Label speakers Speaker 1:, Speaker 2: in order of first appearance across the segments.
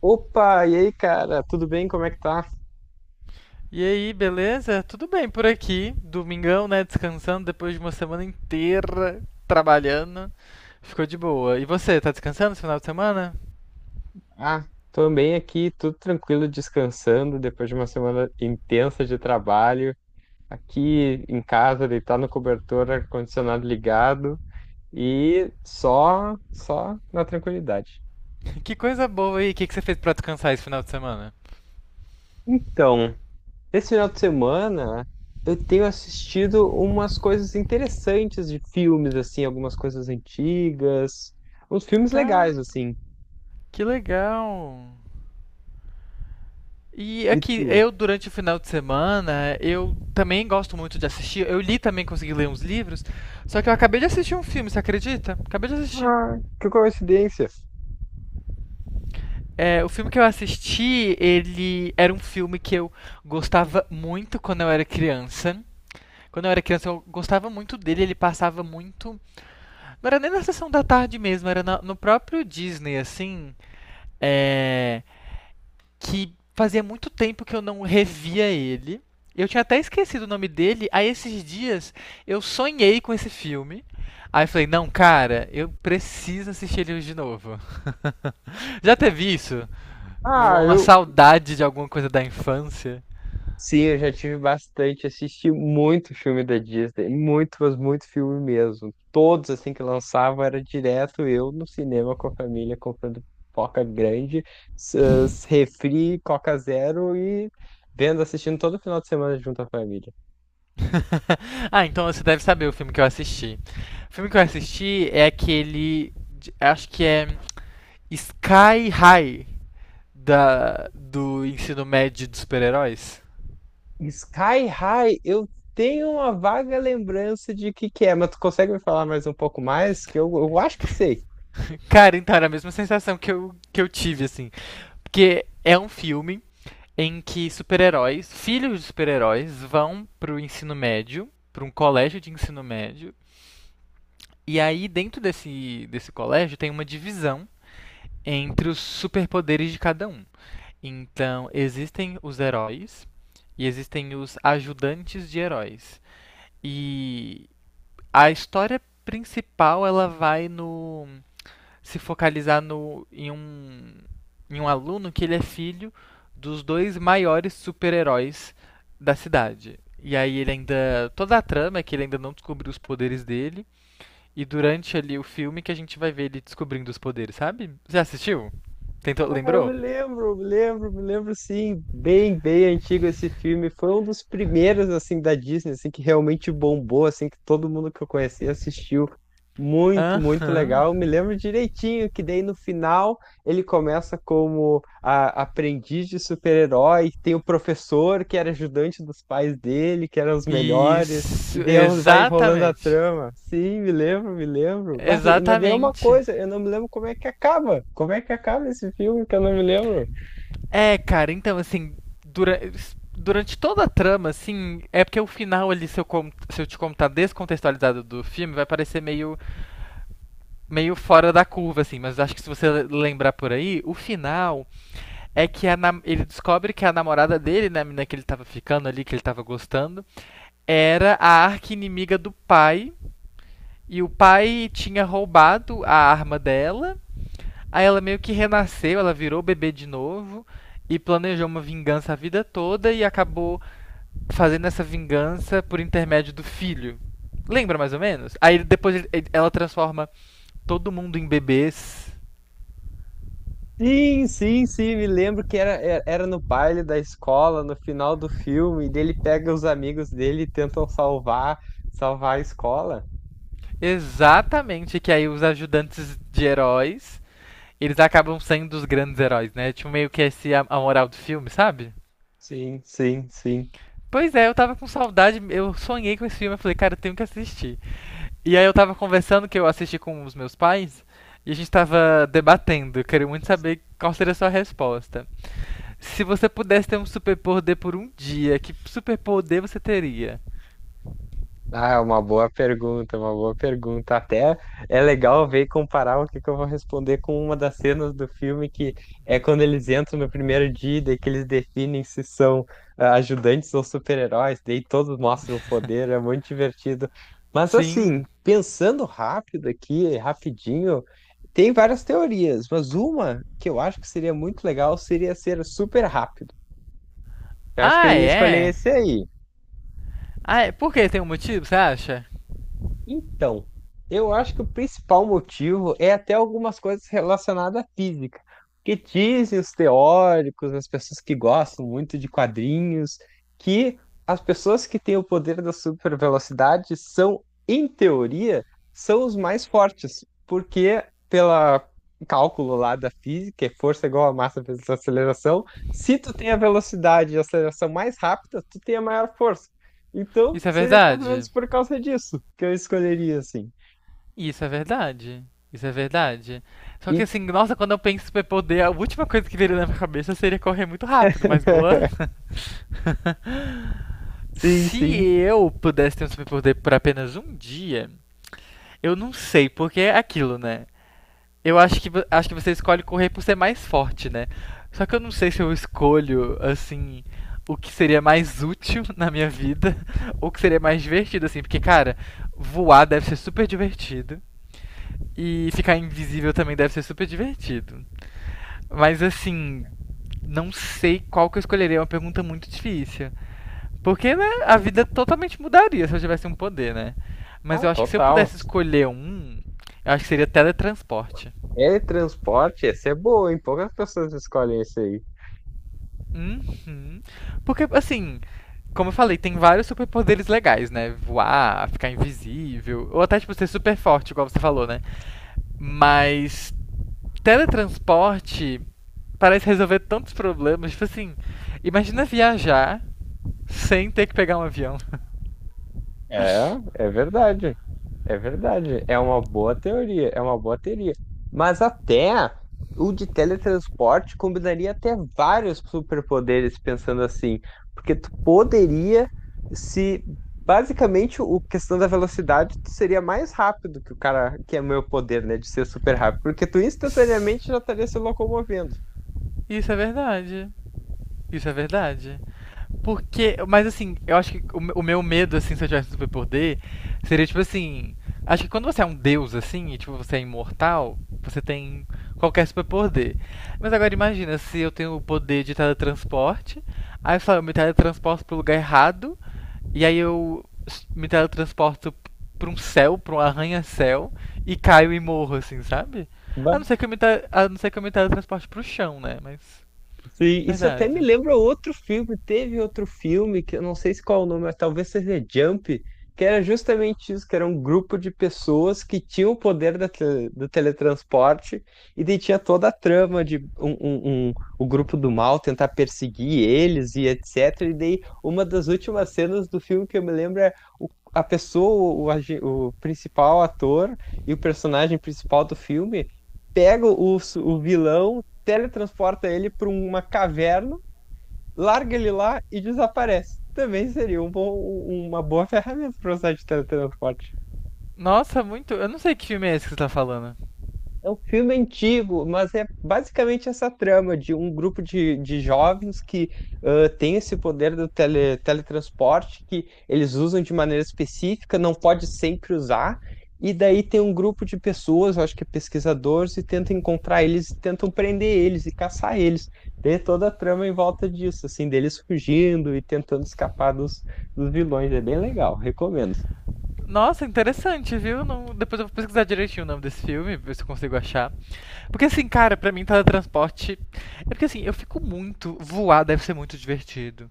Speaker 1: Opa, e aí, cara? Tudo bem? Como é que tá?
Speaker 2: E aí, beleza? Tudo bem por aqui. Domingão, né? Descansando depois de uma semana inteira trabalhando. Ficou de boa. E você, tá descansando esse final de semana?
Speaker 1: Ah, tô bem aqui, tudo tranquilo, descansando depois de uma semana intensa de trabalho. Aqui em casa, deitado no cobertor, ar-condicionado ligado e só na tranquilidade.
Speaker 2: Que coisa boa aí. O que que você fez pra descansar esse final de semana?
Speaker 1: Então, esse final de semana eu tenho assistido umas coisas interessantes de filmes, assim, algumas coisas antigas, uns filmes legais,
Speaker 2: Cara,
Speaker 1: assim.
Speaker 2: que legal. E
Speaker 1: E
Speaker 2: aqui,
Speaker 1: tu?
Speaker 2: eu durante o final de semana, eu também gosto muito de assistir. Eu li também, consegui ler uns livros. Só que eu acabei de assistir um filme, você acredita? Acabei de assistir.
Speaker 1: Ah, que coincidência!
Speaker 2: É, o filme que eu assisti, ele era um filme que eu gostava muito quando eu era criança. Quando eu era criança, eu gostava muito dele, ele passava muito. Não era nem na sessão da tarde mesmo, era no próprio Disney, assim. É. Que fazia muito tempo que eu não revia ele. Eu tinha até esquecido o nome dele. Aí esses dias eu sonhei com esse filme. Aí eu falei, não, cara, eu preciso assistir ele hoje de novo. Já teve isso?
Speaker 1: Ah,
Speaker 2: Uma
Speaker 1: eu.
Speaker 2: saudade de alguma coisa da infância.
Speaker 1: Sim, eu já tive bastante. Assisti muito filme da Disney. Muito, mas muito filme mesmo. Todos, assim, que lançavam, era direto eu no cinema com a família, comprando pipoca grande, s- refri, Coca Zero e vendo, assistindo todo final de semana junto à família.
Speaker 2: Então você deve saber o filme que eu assisti. O filme que eu assisti é aquele. Acho que é Sky High da, do ensino médio dos super-heróis.
Speaker 1: Sky High, eu tenho uma vaga lembrança de que é, mas tu consegue me falar mais um pouco mais? Que eu acho que sei.
Speaker 2: Cara, então era a mesma sensação que eu tive, assim. Porque é um filme em que super-heróis, filhos de super-heróis, vão pro ensino médio, pra um colégio de ensino médio. E aí, dentro desse colégio, tem uma divisão entre os superpoderes de cada um. Então, existem os heróis e existem os ajudantes de heróis. E a história principal ela vai se focalizar no em um aluno que ele é filho dos dois maiores super-heróis da cidade. E aí ele ainda toda a trama é que ele ainda não descobriu os poderes dele e durante ali o filme que a gente vai ver ele descobrindo os poderes, sabe? Já assistiu? Tentou,
Speaker 1: Ah, eu me
Speaker 2: lembrou?
Speaker 1: lembro, me lembro, me lembro sim, bem antigo esse filme. Foi um dos primeiros assim da Disney, assim que realmente bombou, assim que todo mundo que eu conheci assistiu. Muito,
Speaker 2: Hã?
Speaker 1: muito legal. Eu me lembro direitinho que daí no final ele começa como aprendiz de super-herói, tem o professor que era ajudante dos pais dele, que eram os melhores. E
Speaker 2: Isso,
Speaker 1: daí ela vai rolando a
Speaker 2: exatamente.
Speaker 1: trama. Sim, me lembro. Mas daí é uma
Speaker 2: Exatamente.
Speaker 1: coisa, eu não me lembro como é que acaba. Como é que acaba esse filme que eu não me lembro?
Speaker 2: É, cara, então, assim, dura- durante toda a trama, assim, é porque o final ali, se eu te contar descontextualizado do filme, vai parecer meio, meio fora da curva, assim, mas acho que se você lembrar por aí, o final é que ele descobre que a namorada dele, né, a menina que ele tava ficando ali, que ele tava gostando, era a arqui-inimiga do pai, e o pai tinha roubado a arma dela. Aí ela meio que renasceu, ela virou bebê de novo e planejou uma vingança a vida toda e acabou fazendo essa vingança por intermédio do filho. Lembra mais ou menos? Aí depois ela transforma todo mundo em bebês.
Speaker 1: Sim, me lembro que era, era no baile da escola, no final do filme, e daí ele pega os amigos dele e tentam salvar a escola.
Speaker 2: Exatamente, que aí os ajudantes de heróis, eles acabam sendo os grandes heróis, né? Tipo, meio que esse a moral do filme, sabe?
Speaker 1: Sim, sim, sim.
Speaker 2: Pois é, eu tava com saudade, eu sonhei com esse filme, eu falei, cara, eu tenho que assistir. E aí eu tava conversando que eu assisti com os meus pais e a gente tava debatendo. Eu queria muito saber qual seria a sua resposta. Se você pudesse ter um superpoder por um dia, que superpoder você teria?
Speaker 1: Ah, é uma boa pergunta, uma boa pergunta. Até é legal ver e comparar o que que eu vou responder com uma das cenas do filme, que é quando eles entram no primeiro dia, e daí que eles definem se são ajudantes ou super-heróis, daí todos mostram o poder, é muito divertido. Mas assim,
Speaker 2: Sim.
Speaker 1: pensando rápido aqui, rapidinho, tem várias teorias, mas uma que eu acho que seria muito legal seria ser super rápido. Eu acho que eu
Speaker 2: Ah,
Speaker 1: ia escolher
Speaker 2: é?
Speaker 1: esse aí.
Speaker 2: Ah, é. Por que tem um motivo, você acha?
Speaker 1: Então, eu acho que o principal motivo é até algumas coisas relacionadas à física. Que dizem os teóricos, as pessoas que gostam muito de quadrinhos, que as pessoas que têm o poder da supervelocidade são, em teoria, são os mais fortes, porque pela cálculo lá da física, é força igual a massa vezes aceleração, se tu tem a velocidade e a aceleração mais rápida, tu tem a maior força. Então,
Speaker 2: Isso é
Speaker 1: seria mais ou menos
Speaker 2: verdade?
Speaker 1: por causa disso que eu escolheria, assim.
Speaker 2: Isso é verdade. Isso é verdade. Só que
Speaker 1: E
Speaker 2: assim, nossa, quando eu penso em superpoder, a última coisa que viria na minha cabeça seria correr muito rápido, mas boa.
Speaker 1: sim,
Speaker 2: Se
Speaker 1: sim.
Speaker 2: eu pudesse ter um superpoder por apenas um dia, eu não sei, porque é aquilo, né? Eu acho que, acho que você escolhe correr por ser mais forte, né? Só que eu não sei se eu escolho, assim, o que seria mais útil na minha vida, ou o que seria mais divertido, assim. Porque, cara, voar deve ser super divertido, e ficar invisível também deve ser super divertido. Mas, assim, não sei qual que eu escolheria, é uma pergunta muito difícil. Porque, né, a vida totalmente mudaria se eu tivesse um poder, né? Mas
Speaker 1: Ah,
Speaker 2: eu acho que se eu
Speaker 1: total.
Speaker 2: pudesse escolher um, eu acho que seria teletransporte.
Speaker 1: É transporte, essa é boa, hein? Poucas pessoas escolhem esse aí.
Speaker 2: Uhum. Porque, assim, como eu falei, tem vários superpoderes legais, né? Voar, ficar invisível, ou até, tipo, ser super forte, igual você falou, né? Mas teletransporte parece resolver tantos problemas. Tipo assim, imagina viajar sem ter que pegar um avião.
Speaker 1: É, é verdade. É verdade, é uma boa teoria, é uma boa teoria. Mas até o de teletransporte combinaria até vários superpoderes, pensando assim, porque tu poderia se basicamente o questão da velocidade, tu seria mais rápido que o cara, que é o meu poder, né, de ser super rápido, porque tu instantaneamente já estaria se locomovendo.
Speaker 2: Isso é verdade. Isso é verdade. Porque, mas assim, eu acho que o meu medo, assim, se eu tivesse um superpoder, seria tipo assim. Acho que quando você é um deus, assim, e tipo, você é imortal, você tem qualquer superpoder. Mas agora imagina se eu tenho o poder de teletransporte, aí só eu me teletransporto pro lugar errado, e aí me teletransporto pra um céu, pra um arranha-céu, e caio e morro, assim, sabe? A não ser que eu me, te- a não ser que eu me teletransporte pro chão, né? Mas.
Speaker 1: Sim, isso até me
Speaker 2: Verdade.
Speaker 1: lembra outro filme. Teve outro filme que eu não sei se qual é o nome, mas talvez seja Jump, que era justamente isso, que era um grupo de pessoas que tinham o poder da do teletransporte e daí tinha toda a trama de o grupo do mal tentar perseguir eles e etc. E daí uma das últimas cenas do filme que eu me lembro é a pessoa, o principal ator e o personagem principal do filme pega o vilão teletransporta ele para uma caverna, larga ele lá e desaparece. Também seria um uma boa ferramenta para usar de teletransporte.
Speaker 2: Nossa, muito. Eu não sei que filme é esse que você tá falando.
Speaker 1: É um filme antigo, mas é basicamente essa trama de um grupo de jovens que tem esse poder do teletransporte que eles usam de maneira específica, não pode sempre usar. E daí tem um grupo de pessoas, eu acho que é pesquisadores, e tentam encontrar eles, tentam prender eles e caçar eles. Daí é toda a trama em volta disso, assim, deles fugindo e tentando escapar dos, dos vilões. É bem legal, recomendo.
Speaker 2: Nossa, interessante, viu? Não. Depois eu vou pesquisar direitinho o nome desse filme, ver se eu consigo achar. Porque assim, cara, pra mim teletransporte. É porque assim, eu fico muito. Voar deve ser muito divertido.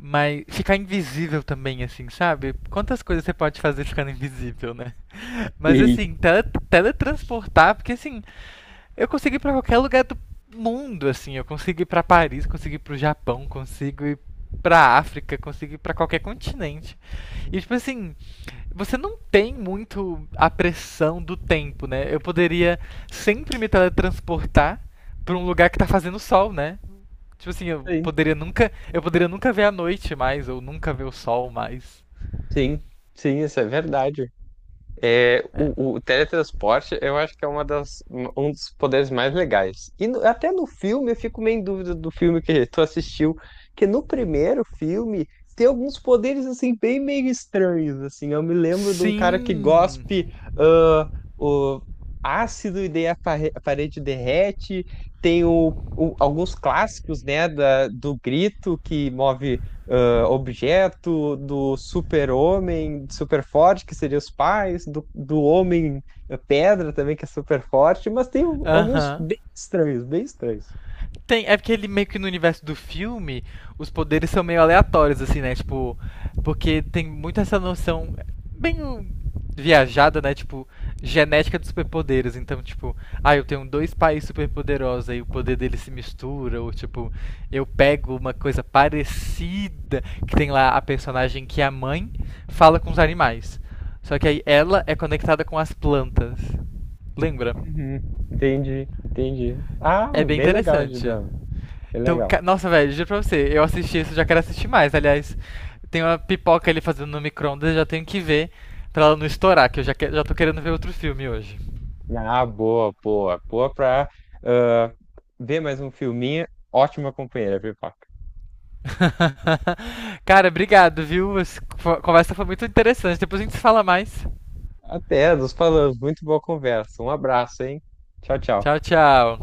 Speaker 2: Mas ficar invisível também, assim, sabe? Quantas coisas você pode fazer ficando invisível, né? Mas
Speaker 1: Sim,
Speaker 2: assim, teletransportar, porque assim, eu consigo ir pra qualquer lugar do mundo, assim. Eu consigo ir pra Paris, consigo ir pro Japão, consigo ir pra África, consigo ir pra qualquer continente. E, tipo assim, você não tem muito a pressão do tempo, né? Eu poderia sempre me teletransportar pra um lugar que tá fazendo sol, né? Tipo assim,
Speaker 1: sim,
Speaker 2: eu poderia nunca ver a noite mais, ou nunca ver o sol mais.
Speaker 1: sim, sim, isso é verdade. É, o teletransporte eu acho que é uma das, um dos poderes mais legais. Até no filme eu fico meio em dúvida do filme que tu assistiu, que no primeiro filme tem alguns poderes assim bem meio estranhos assim. Eu me lembro de um cara que
Speaker 2: Sim.
Speaker 1: gospe ah, o ácido e daí a a parede derrete. Tem alguns clássicos, né, do grito que move objeto, do super-homem, super forte, que seria os pais, do homem pedra também, que é super forte, mas tem alguns
Speaker 2: Aham.
Speaker 1: bem estranhos, bem estranhos.
Speaker 2: Tem, é porque ele meio que no universo do filme, os poderes são meio aleatórios, assim, né? Tipo, porque tem muito essa noção bem um, viajada, né? Tipo, genética dos superpoderes. Então, tipo, ah, eu tenho dois pais superpoderosos, aí o poder deles se mistura, ou tipo, eu pego uma coisa parecida, que tem lá a personagem que a mãe fala com os animais. Só que aí ela é conectada com as plantas. Lembra?
Speaker 1: Uhum. Entendi, entendi.
Speaker 2: É
Speaker 1: Ah,
Speaker 2: bem
Speaker 1: bem legal,
Speaker 2: interessante.
Speaker 1: Gidano, bem
Speaker 2: Então,
Speaker 1: legal.
Speaker 2: nossa, velho, juro pra você, eu assisti isso, já quero assistir mais. Aliás, tem uma pipoca ali fazendo no micro-ondas, já tenho que ver pra ela não estourar, que eu já, já tô querendo ver outro filme hoje.
Speaker 1: Ah, boa pra ah, ver mais um filminho. Ótima companheira, Pipoca.
Speaker 2: Cara, obrigado, viu? Essa conversa foi muito interessante. Depois a gente se fala mais.
Speaker 1: Até, nos falamos. Muito boa conversa. Um abraço, hein? Tchau, tchau.
Speaker 2: Tchau, tchau.